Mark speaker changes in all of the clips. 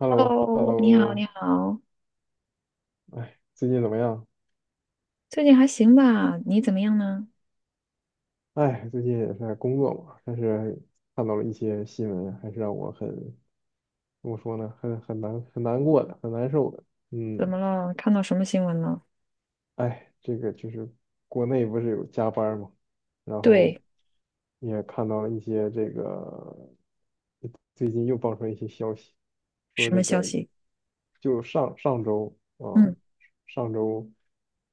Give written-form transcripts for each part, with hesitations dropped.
Speaker 1: h e l l o h e l l
Speaker 2: Hello，
Speaker 1: o
Speaker 2: 你好，你好，
Speaker 1: 哎，最近怎么样？
Speaker 2: 最近还行吧？你怎么样呢？
Speaker 1: 哎，最近也是在工作嘛，但是看到了一些新闻，还是让我怎么说呢，很难过的，很难受的。
Speaker 2: 怎
Speaker 1: 嗯。
Speaker 2: 么了？看到什么新闻了？
Speaker 1: 哎，这个就是国内不是有加班儿嘛，然后
Speaker 2: 对，
Speaker 1: 也看到了一些这个最近又爆出来一些消息，说
Speaker 2: 什么
Speaker 1: 这
Speaker 2: 消
Speaker 1: 个
Speaker 2: 息？
Speaker 1: 就上上周啊，
Speaker 2: 嗯
Speaker 1: 上周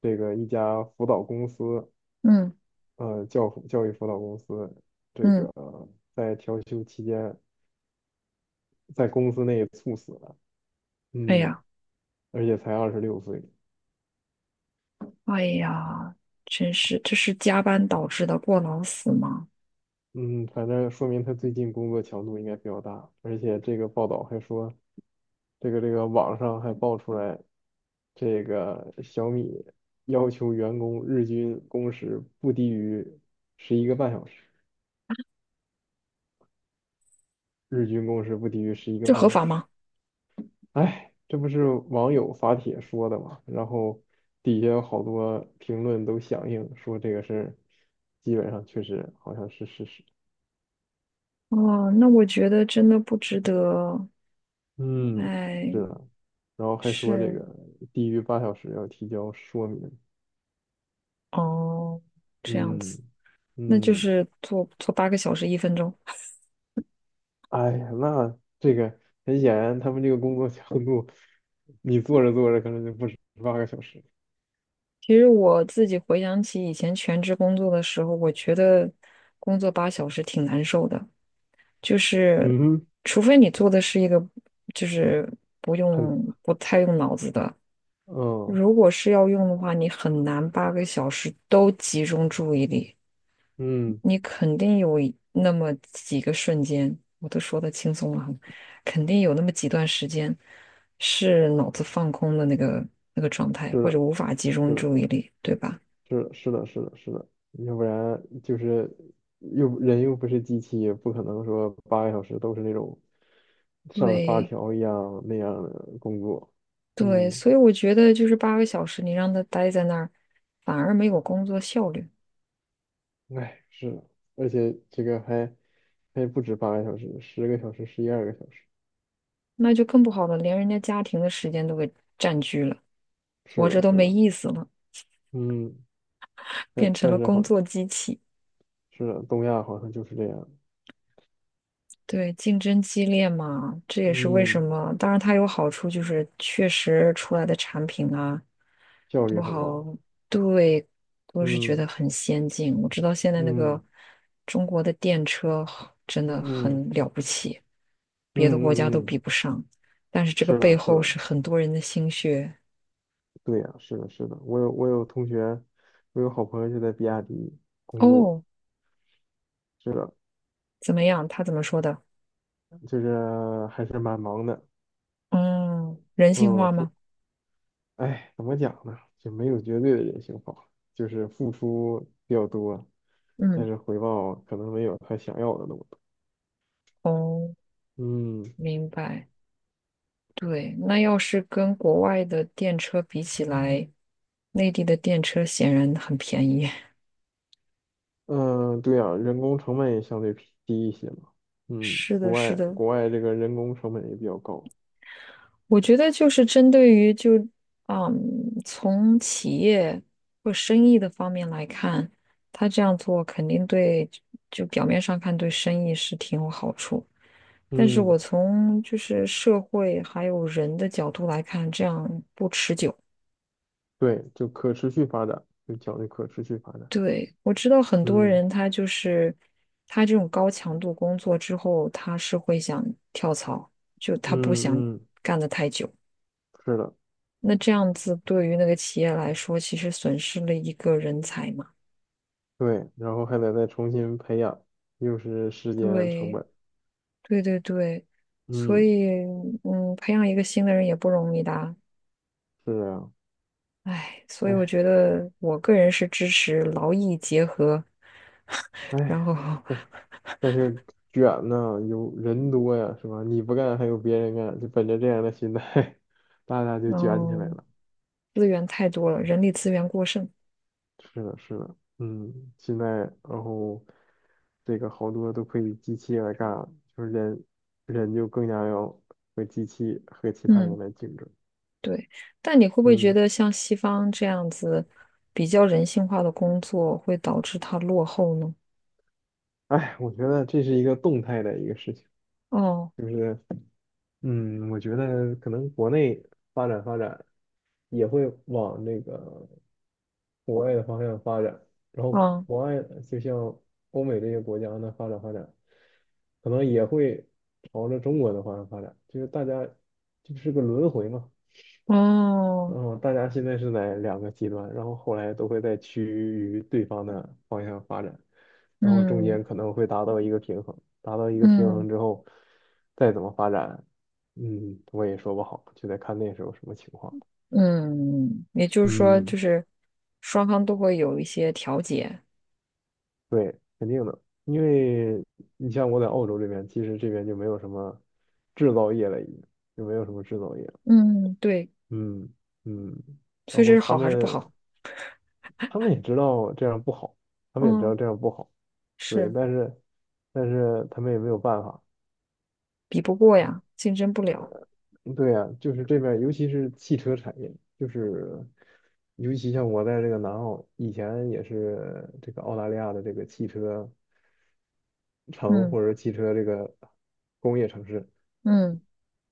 Speaker 1: 这个一家辅导公司。
Speaker 2: 嗯
Speaker 1: 教育辅导公司这
Speaker 2: 嗯，
Speaker 1: 个在调休期间在公司内猝死了。
Speaker 2: 哎
Speaker 1: 嗯。
Speaker 2: 呀，
Speaker 1: 而且才26岁。
Speaker 2: 哎呀，真是，这是加班导致的过劳死吗？
Speaker 1: 嗯，反正说明他最近工作强度应该比较大，而且这个报道还说，这个网上还爆出来，这个小米要求员工日均工时不低于十一个半小时，日均工时不低于十一个
Speaker 2: 这
Speaker 1: 半
Speaker 2: 合
Speaker 1: 小
Speaker 2: 法
Speaker 1: 时。
Speaker 2: 吗？
Speaker 1: 哎，这不是网友发帖说的嘛，然后底下有好多评论都响应说这个事儿，基本上确实好像是事实。
Speaker 2: 哦，那我觉得真的不值得。
Speaker 1: 嗯，
Speaker 2: 哎，
Speaker 1: 是的，然后还说这
Speaker 2: 是，
Speaker 1: 个低于8小时要提交说明。
Speaker 2: 哦，这样
Speaker 1: 嗯
Speaker 2: 子，那就
Speaker 1: 嗯。
Speaker 2: 是做做8个小时1分钟。
Speaker 1: 哎呀，那这个很显然他们这个工作强度，你做着做着可能就不止八个小时。
Speaker 2: 其实我自己回想起以前全职工作的时候，我觉得工作8小时挺难受的，就
Speaker 1: 嗯
Speaker 2: 是
Speaker 1: 哼。
Speaker 2: 除非你做的是一个就是不
Speaker 1: 很，
Speaker 2: 用不太用脑子的，
Speaker 1: 嗯
Speaker 2: 如果是要用的话，你很难八个小时都集中注意力，
Speaker 1: 嗯，
Speaker 2: 你肯定有一那么几个瞬间，我都说的轻松了很，肯定有那么几段时间是脑子放空的那个状态，
Speaker 1: 是
Speaker 2: 或者
Speaker 1: 的。
Speaker 2: 无法集中
Speaker 1: 是的。
Speaker 2: 注意力，对吧？
Speaker 1: 是的，是的，要不然就是人又不是机器，也不可能说八个小时都是那种上发
Speaker 2: 对，
Speaker 1: 条一样那样的工作。
Speaker 2: 对，
Speaker 1: 嗯，
Speaker 2: 所以我觉得就是八个小时，你让他待在那儿，反而没有工作效率，
Speaker 1: 哎，是的，而且这个还不止八个小时，10个小时，11、12个小时。
Speaker 2: 那就更不好了，连人家家庭的时间都给占据了，
Speaker 1: 是
Speaker 2: 我这
Speaker 1: 的，
Speaker 2: 都
Speaker 1: 是
Speaker 2: 没
Speaker 1: 的。
Speaker 2: 意思了，
Speaker 1: 嗯，但
Speaker 2: 变成
Speaker 1: 但
Speaker 2: 了
Speaker 1: 是
Speaker 2: 工
Speaker 1: 好，
Speaker 2: 作机器。
Speaker 1: 是的，东亚好像就是这样。
Speaker 2: 对，竞争激烈嘛，这也是为什
Speaker 1: 嗯，
Speaker 2: 么。当然，它有好处，就是确实出来的产品啊，
Speaker 1: 效
Speaker 2: 不
Speaker 1: 率很
Speaker 2: 好，
Speaker 1: 高。
Speaker 2: 对，我是觉得
Speaker 1: 嗯
Speaker 2: 很先进。我知道现在那
Speaker 1: 嗯
Speaker 2: 个中国的电车真
Speaker 1: 嗯
Speaker 2: 的
Speaker 1: 嗯
Speaker 2: 很了不起，别的国家都
Speaker 1: 嗯嗯。
Speaker 2: 比
Speaker 1: 嗯，
Speaker 2: 不上。但是这个
Speaker 1: 是
Speaker 2: 背
Speaker 1: 的，是
Speaker 2: 后是
Speaker 1: 的。
Speaker 2: 很多人的心血。
Speaker 1: 对呀，是的，是的，我有同学，我有好朋友就在比亚迪工作，
Speaker 2: 哦，
Speaker 1: 是的，
Speaker 2: 怎么样？他怎么说的？
Speaker 1: 就是还是蛮忙的。
Speaker 2: 嗯，人性
Speaker 1: 嗯，
Speaker 2: 化吗？
Speaker 1: 哎，怎么讲呢？就没有绝对的人性化，就是付出比较多，但
Speaker 2: 嗯，
Speaker 1: 是回报可能没有他想要的那么多。
Speaker 2: 哦，
Speaker 1: 嗯
Speaker 2: 明白。对，那要是跟国外的电车比起来，内地的电车显然很便宜。
Speaker 1: 嗯，对呀，人工成本也相对低一些嘛。嗯，
Speaker 2: 是的，
Speaker 1: 国
Speaker 2: 是
Speaker 1: 外
Speaker 2: 的，
Speaker 1: 国外这个人工成本也比较高。
Speaker 2: 我觉得就是针对于就嗯，从企业或生意的方面来看，他这样做肯定对，就表面上看对生意是挺有好处，但是
Speaker 1: 嗯，
Speaker 2: 我从就是社会还有人的角度来看，这样不持久。
Speaker 1: 对，就可持续发展，就讲究可持续发展。
Speaker 2: 对，我知道很多
Speaker 1: 嗯
Speaker 2: 人他就是他这种高强度工作之后，他是会想跳槽，就他不想
Speaker 1: 嗯嗯。
Speaker 2: 干得太久。
Speaker 1: 是的，
Speaker 2: 那这样子对于那个企业来说，其实损失了一个人才嘛。
Speaker 1: 对，然后还得再重新培养，又是时间成
Speaker 2: 对，
Speaker 1: 本。
Speaker 2: 对对对，所
Speaker 1: 嗯，
Speaker 2: 以培养一个新的人也不容易的啊。
Speaker 1: 是啊。
Speaker 2: 唉，所以我
Speaker 1: 哎
Speaker 2: 觉得我个人是支持劳逸结合，然
Speaker 1: 哎，
Speaker 2: 后
Speaker 1: 但但是卷呢，有人多呀，是吧？你不干还有别人干，就本着这样的心态，大家就卷起来
Speaker 2: 嗯，
Speaker 1: 了。
Speaker 2: 资源太多了，人力资源过剩。
Speaker 1: 是的，是的，嗯，现在然后这个好多都可以机器来干了，就是人就更加要和机器和其他
Speaker 2: 嗯，
Speaker 1: 人来竞争。
Speaker 2: 对。但你会不会觉
Speaker 1: 嗯，
Speaker 2: 得像西方这样子比较人性化的工作会导致它落后呢？
Speaker 1: 哎，我觉得这是一个动态的一个事情。
Speaker 2: 哦，
Speaker 1: 就是。嗯，我觉得可能国内发展发展也会往那个国外的方向发展，然后
Speaker 2: 哦，
Speaker 1: 国外就像欧美这些国家呢发展发展，可能也会朝着中国的方向发展，就是大家就是个轮回嘛。
Speaker 2: 哦，
Speaker 1: 然后大家现在是在两个极端，然后后来都会在趋于对方的方向发展，然后中
Speaker 2: 嗯。
Speaker 1: 间可能会达到一个平衡，达到一个平
Speaker 2: 嗯
Speaker 1: 衡之后，再怎么发展，嗯，我也说不好，就得看那时候什么情况。
Speaker 2: 嗯，也就是说，
Speaker 1: 嗯，
Speaker 2: 就是双方都会有一些调节。
Speaker 1: 肯定的，因为你像我在澳洲这边，其实这边就没有什么制造业了，已经就没有什么制造业了。
Speaker 2: 嗯，对，
Speaker 1: 嗯嗯。
Speaker 2: 所
Speaker 1: 然
Speaker 2: 以这
Speaker 1: 后
Speaker 2: 是
Speaker 1: 他
Speaker 2: 好还是不好？
Speaker 1: 们他们也知道这样不好，他们也知
Speaker 2: 嗯，
Speaker 1: 道这样不好。对，
Speaker 2: 是
Speaker 1: 但是他们也没有办法。
Speaker 2: 比不过呀，竞争不了。
Speaker 1: 嗯对呀、就是这边儿尤其是汽车产业，就是尤其像我在这个南澳，以前也是这个澳大利亚的这个汽车城
Speaker 2: 嗯
Speaker 1: 或者汽车这个工业城市，
Speaker 2: 嗯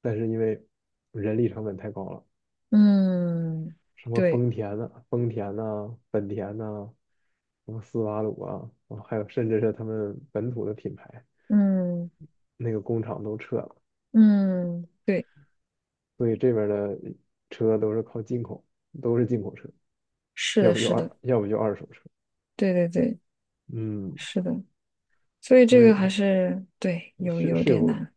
Speaker 1: 但是因为人力成本太高了，
Speaker 2: 嗯，
Speaker 1: 什么
Speaker 2: 对，
Speaker 1: 丰田呐、本田呐、什么斯巴鲁啊还有甚至是他们本土的品牌，
Speaker 2: 嗯
Speaker 1: 那个工厂都撤了。
Speaker 2: 嗯，对，
Speaker 1: 所以这边儿的车都是靠进口，都是进口车，
Speaker 2: 是的，是的，
Speaker 1: 要不就二手车。
Speaker 2: 对对对，
Speaker 1: 嗯，
Speaker 2: 是的。所以
Speaker 1: 他
Speaker 2: 这
Speaker 1: 们
Speaker 2: 个还
Speaker 1: 他
Speaker 2: 是对，有
Speaker 1: 是
Speaker 2: 有
Speaker 1: 是
Speaker 2: 点
Speaker 1: 有，
Speaker 2: 难，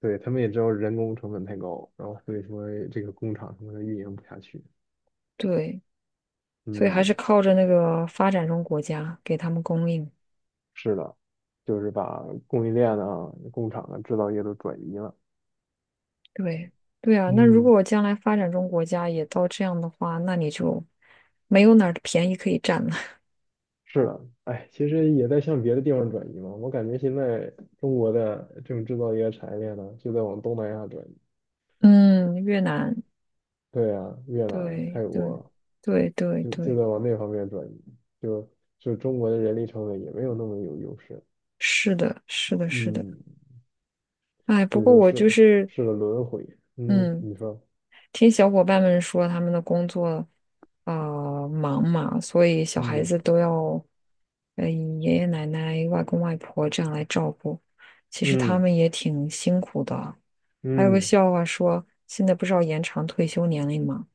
Speaker 1: 对，他们也知道人工成本太高，然后所以说这个工厂他们运营不下去。
Speaker 2: 对，所以还是
Speaker 1: 嗯，
Speaker 2: 靠着那个发展中国家给他们供应。
Speaker 1: 是的，就是把供应链啊、工厂啊、制造业都转移了。
Speaker 2: 对对啊，那如
Speaker 1: 嗯，
Speaker 2: 果将来发展中国家也到这样的话，那你就没有哪儿的便宜可以占了。
Speaker 1: 是的，哎，其实也在向别的地方转移嘛。我感觉现在中国的这种制造业产业链呢，就在往东南亚转移。
Speaker 2: 嗯，越南，
Speaker 1: 对啊，越南、
Speaker 2: 对
Speaker 1: 泰
Speaker 2: 对
Speaker 1: 国。
Speaker 2: 对对
Speaker 1: 就
Speaker 2: 对，
Speaker 1: 在往那方面转移，就就中国的人力成本也没有那么有优势。
Speaker 2: 是的，是的，是的。
Speaker 1: 嗯，
Speaker 2: 哎，
Speaker 1: 所
Speaker 2: 不
Speaker 1: 以
Speaker 2: 过
Speaker 1: 说
Speaker 2: 我就
Speaker 1: 是
Speaker 2: 是，
Speaker 1: 是个轮回。嗯，
Speaker 2: 嗯，
Speaker 1: 你说。
Speaker 2: 听小伙伴们说，他们的工作啊、忙嘛，所以小孩
Speaker 1: 嗯
Speaker 2: 子都要爷爷奶奶、外公外婆这样来照顾。其实他
Speaker 1: 嗯
Speaker 2: 们也挺辛苦的。还有个
Speaker 1: 嗯，
Speaker 2: 笑话说，现在不是要延长退休年龄吗？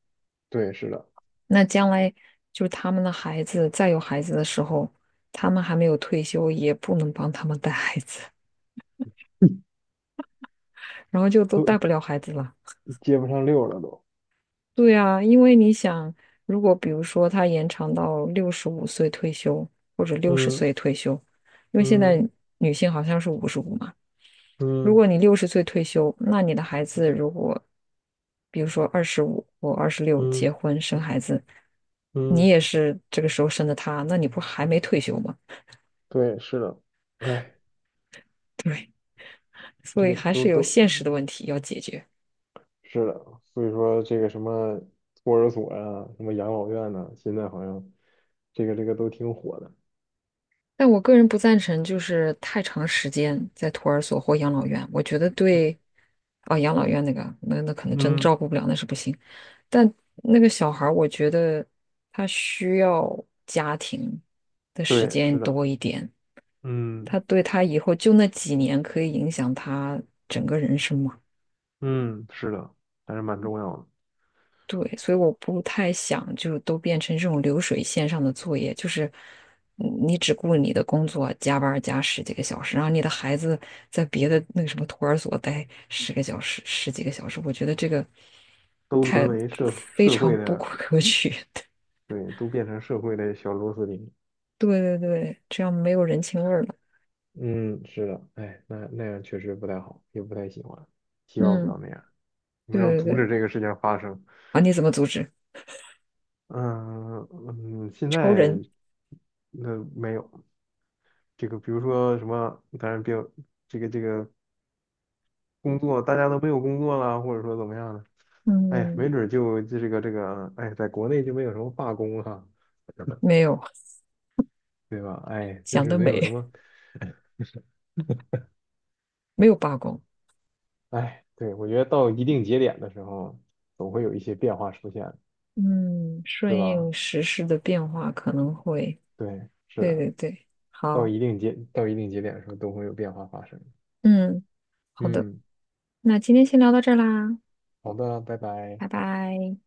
Speaker 1: 对，是的，
Speaker 2: 那将来就是他们的孩子再有孩子的时候，他们还没有退休，也不能帮他们带孩子，然后就都带
Speaker 1: 都
Speaker 2: 不了孩子了。
Speaker 1: 接不上溜了都。
Speaker 2: 对啊，因为你想，如果比如说他延长到65岁退休，或者六十
Speaker 1: 嗯
Speaker 2: 岁退休，因为现在
Speaker 1: 嗯
Speaker 2: 女性好像是55嘛。如
Speaker 1: 嗯
Speaker 2: 果你六十岁退休，那你的孩子如果，比如说25或26
Speaker 1: 嗯
Speaker 2: 结婚生孩子，你
Speaker 1: 嗯。
Speaker 2: 也是这个时候生的他，那你不还没退休吗？
Speaker 1: 对，是的，哎，
Speaker 2: 对，所
Speaker 1: 这
Speaker 2: 以
Speaker 1: 个
Speaker 2: 还
Speaker 1: 都
Speaker 2: 是有
Speaker 1: 都
Speaker 2: 现实的问题要解决。
Speaker 1: 是的，所以说这个什么托儿所呀、什么养老院呐、现在好像这个都挺火的。
Speaker 2: 但我个人不赞成，就是太长时间在托儿所或养老院，我觉得对，啊、养老院那个，那可能真
Speaker 1: 嗯，
Speaker 2: 照顾不了，那是不行。但那个小孩儿，我觉得他需要家庭的时
Speaker 1: 对，
Speaker 2: 间
Speaker 1: 是的。
Speaker 2: 多一点，
Speaker 1: 嗯。
Speaker 2: 他对他以后就那几年可以影响他整个人生嘛。
Speaker 1: 嗯，是的，还是蛮重要的，
Speaker 2: 对，所以我不太想就都变成这种流水线上的作业，就是你只顾你的工作，加班儿加十几个小时，然后你的孩子在别的那个什么托儿所待10个小时、十几个小时，我觉得这个
Speaker 1: 都沦
Speaker 2: 太
Speaker 1: 为社
Speaker 2: 非
Speaker 1: 社
Speaker 2: 常
Speaker 1: 会
Speaker 2: 不
Speaker 1: 的，
Speaker 2: 可取。
Speaker 1: 对，都变成社会的小螺丝钉。
Speaker 2: 对对对，这样没有人情味儿了。
Speaker 1: 嗯，是的，哎，那样确实不太好，也不太喜欢，希望不
Speaker 2: 嗯，
Speaker 1: 要那样。我
Speaker 2: 对
Speaker 1: 们要
Speaker 2: 对
Speaker 1: 阻
Speaker 2: 对，
Speaker 1: 止这个事情发生。
Speaker 2: 啊，你怎么组织？
Speaker 1: 嗯嗯。现
Speaker 2: 超
Speaker 1: 在
Speaker 2: 人？
Speaker 1: 那没有这个，比如说什么，当然别有这个工作，大家都没有工作了，或者说怎么样的，哎，
Speaker 2: 嗯，
Speaker 1: 没准儿就这个，哎，在国内就没有什么罢工哈、
Speaker 2: 没有，
Speaker 1: 对吧？哎，就
Speaker 2: 想
Speaker 1: 是
Speaker 2: 得
Speaker 1: 没有什
Speaker 2: 美，
Speaker 1: 么。
Speaker 2: 没有罢工。
Speaker 1: 哎，对，我觉得到一定节点的时候，总会有一些变化出现，
Speaker 2: 嗯，
Speaker 1: 是
Speaker 2: 顺应
Speaker 1: 吧？
Speaker 2: 时势的变化可能会。
Speaker 1: 对，是
Speaker 2: 对对
Speaker 1: 的，
Speaker 2: 对，
Speaker 1: 到
Speaker 2: 好，
Speaker 1: 一定节到一定节点的时候，都会有变化发生。
Speaker 2: 嗯，好的，
Speaker 1: 嗯，
Speaker 2: 那今天先聊到这儿啦，
Speaker 1: 好的，拜拜。
Speaker 2: 拜拜。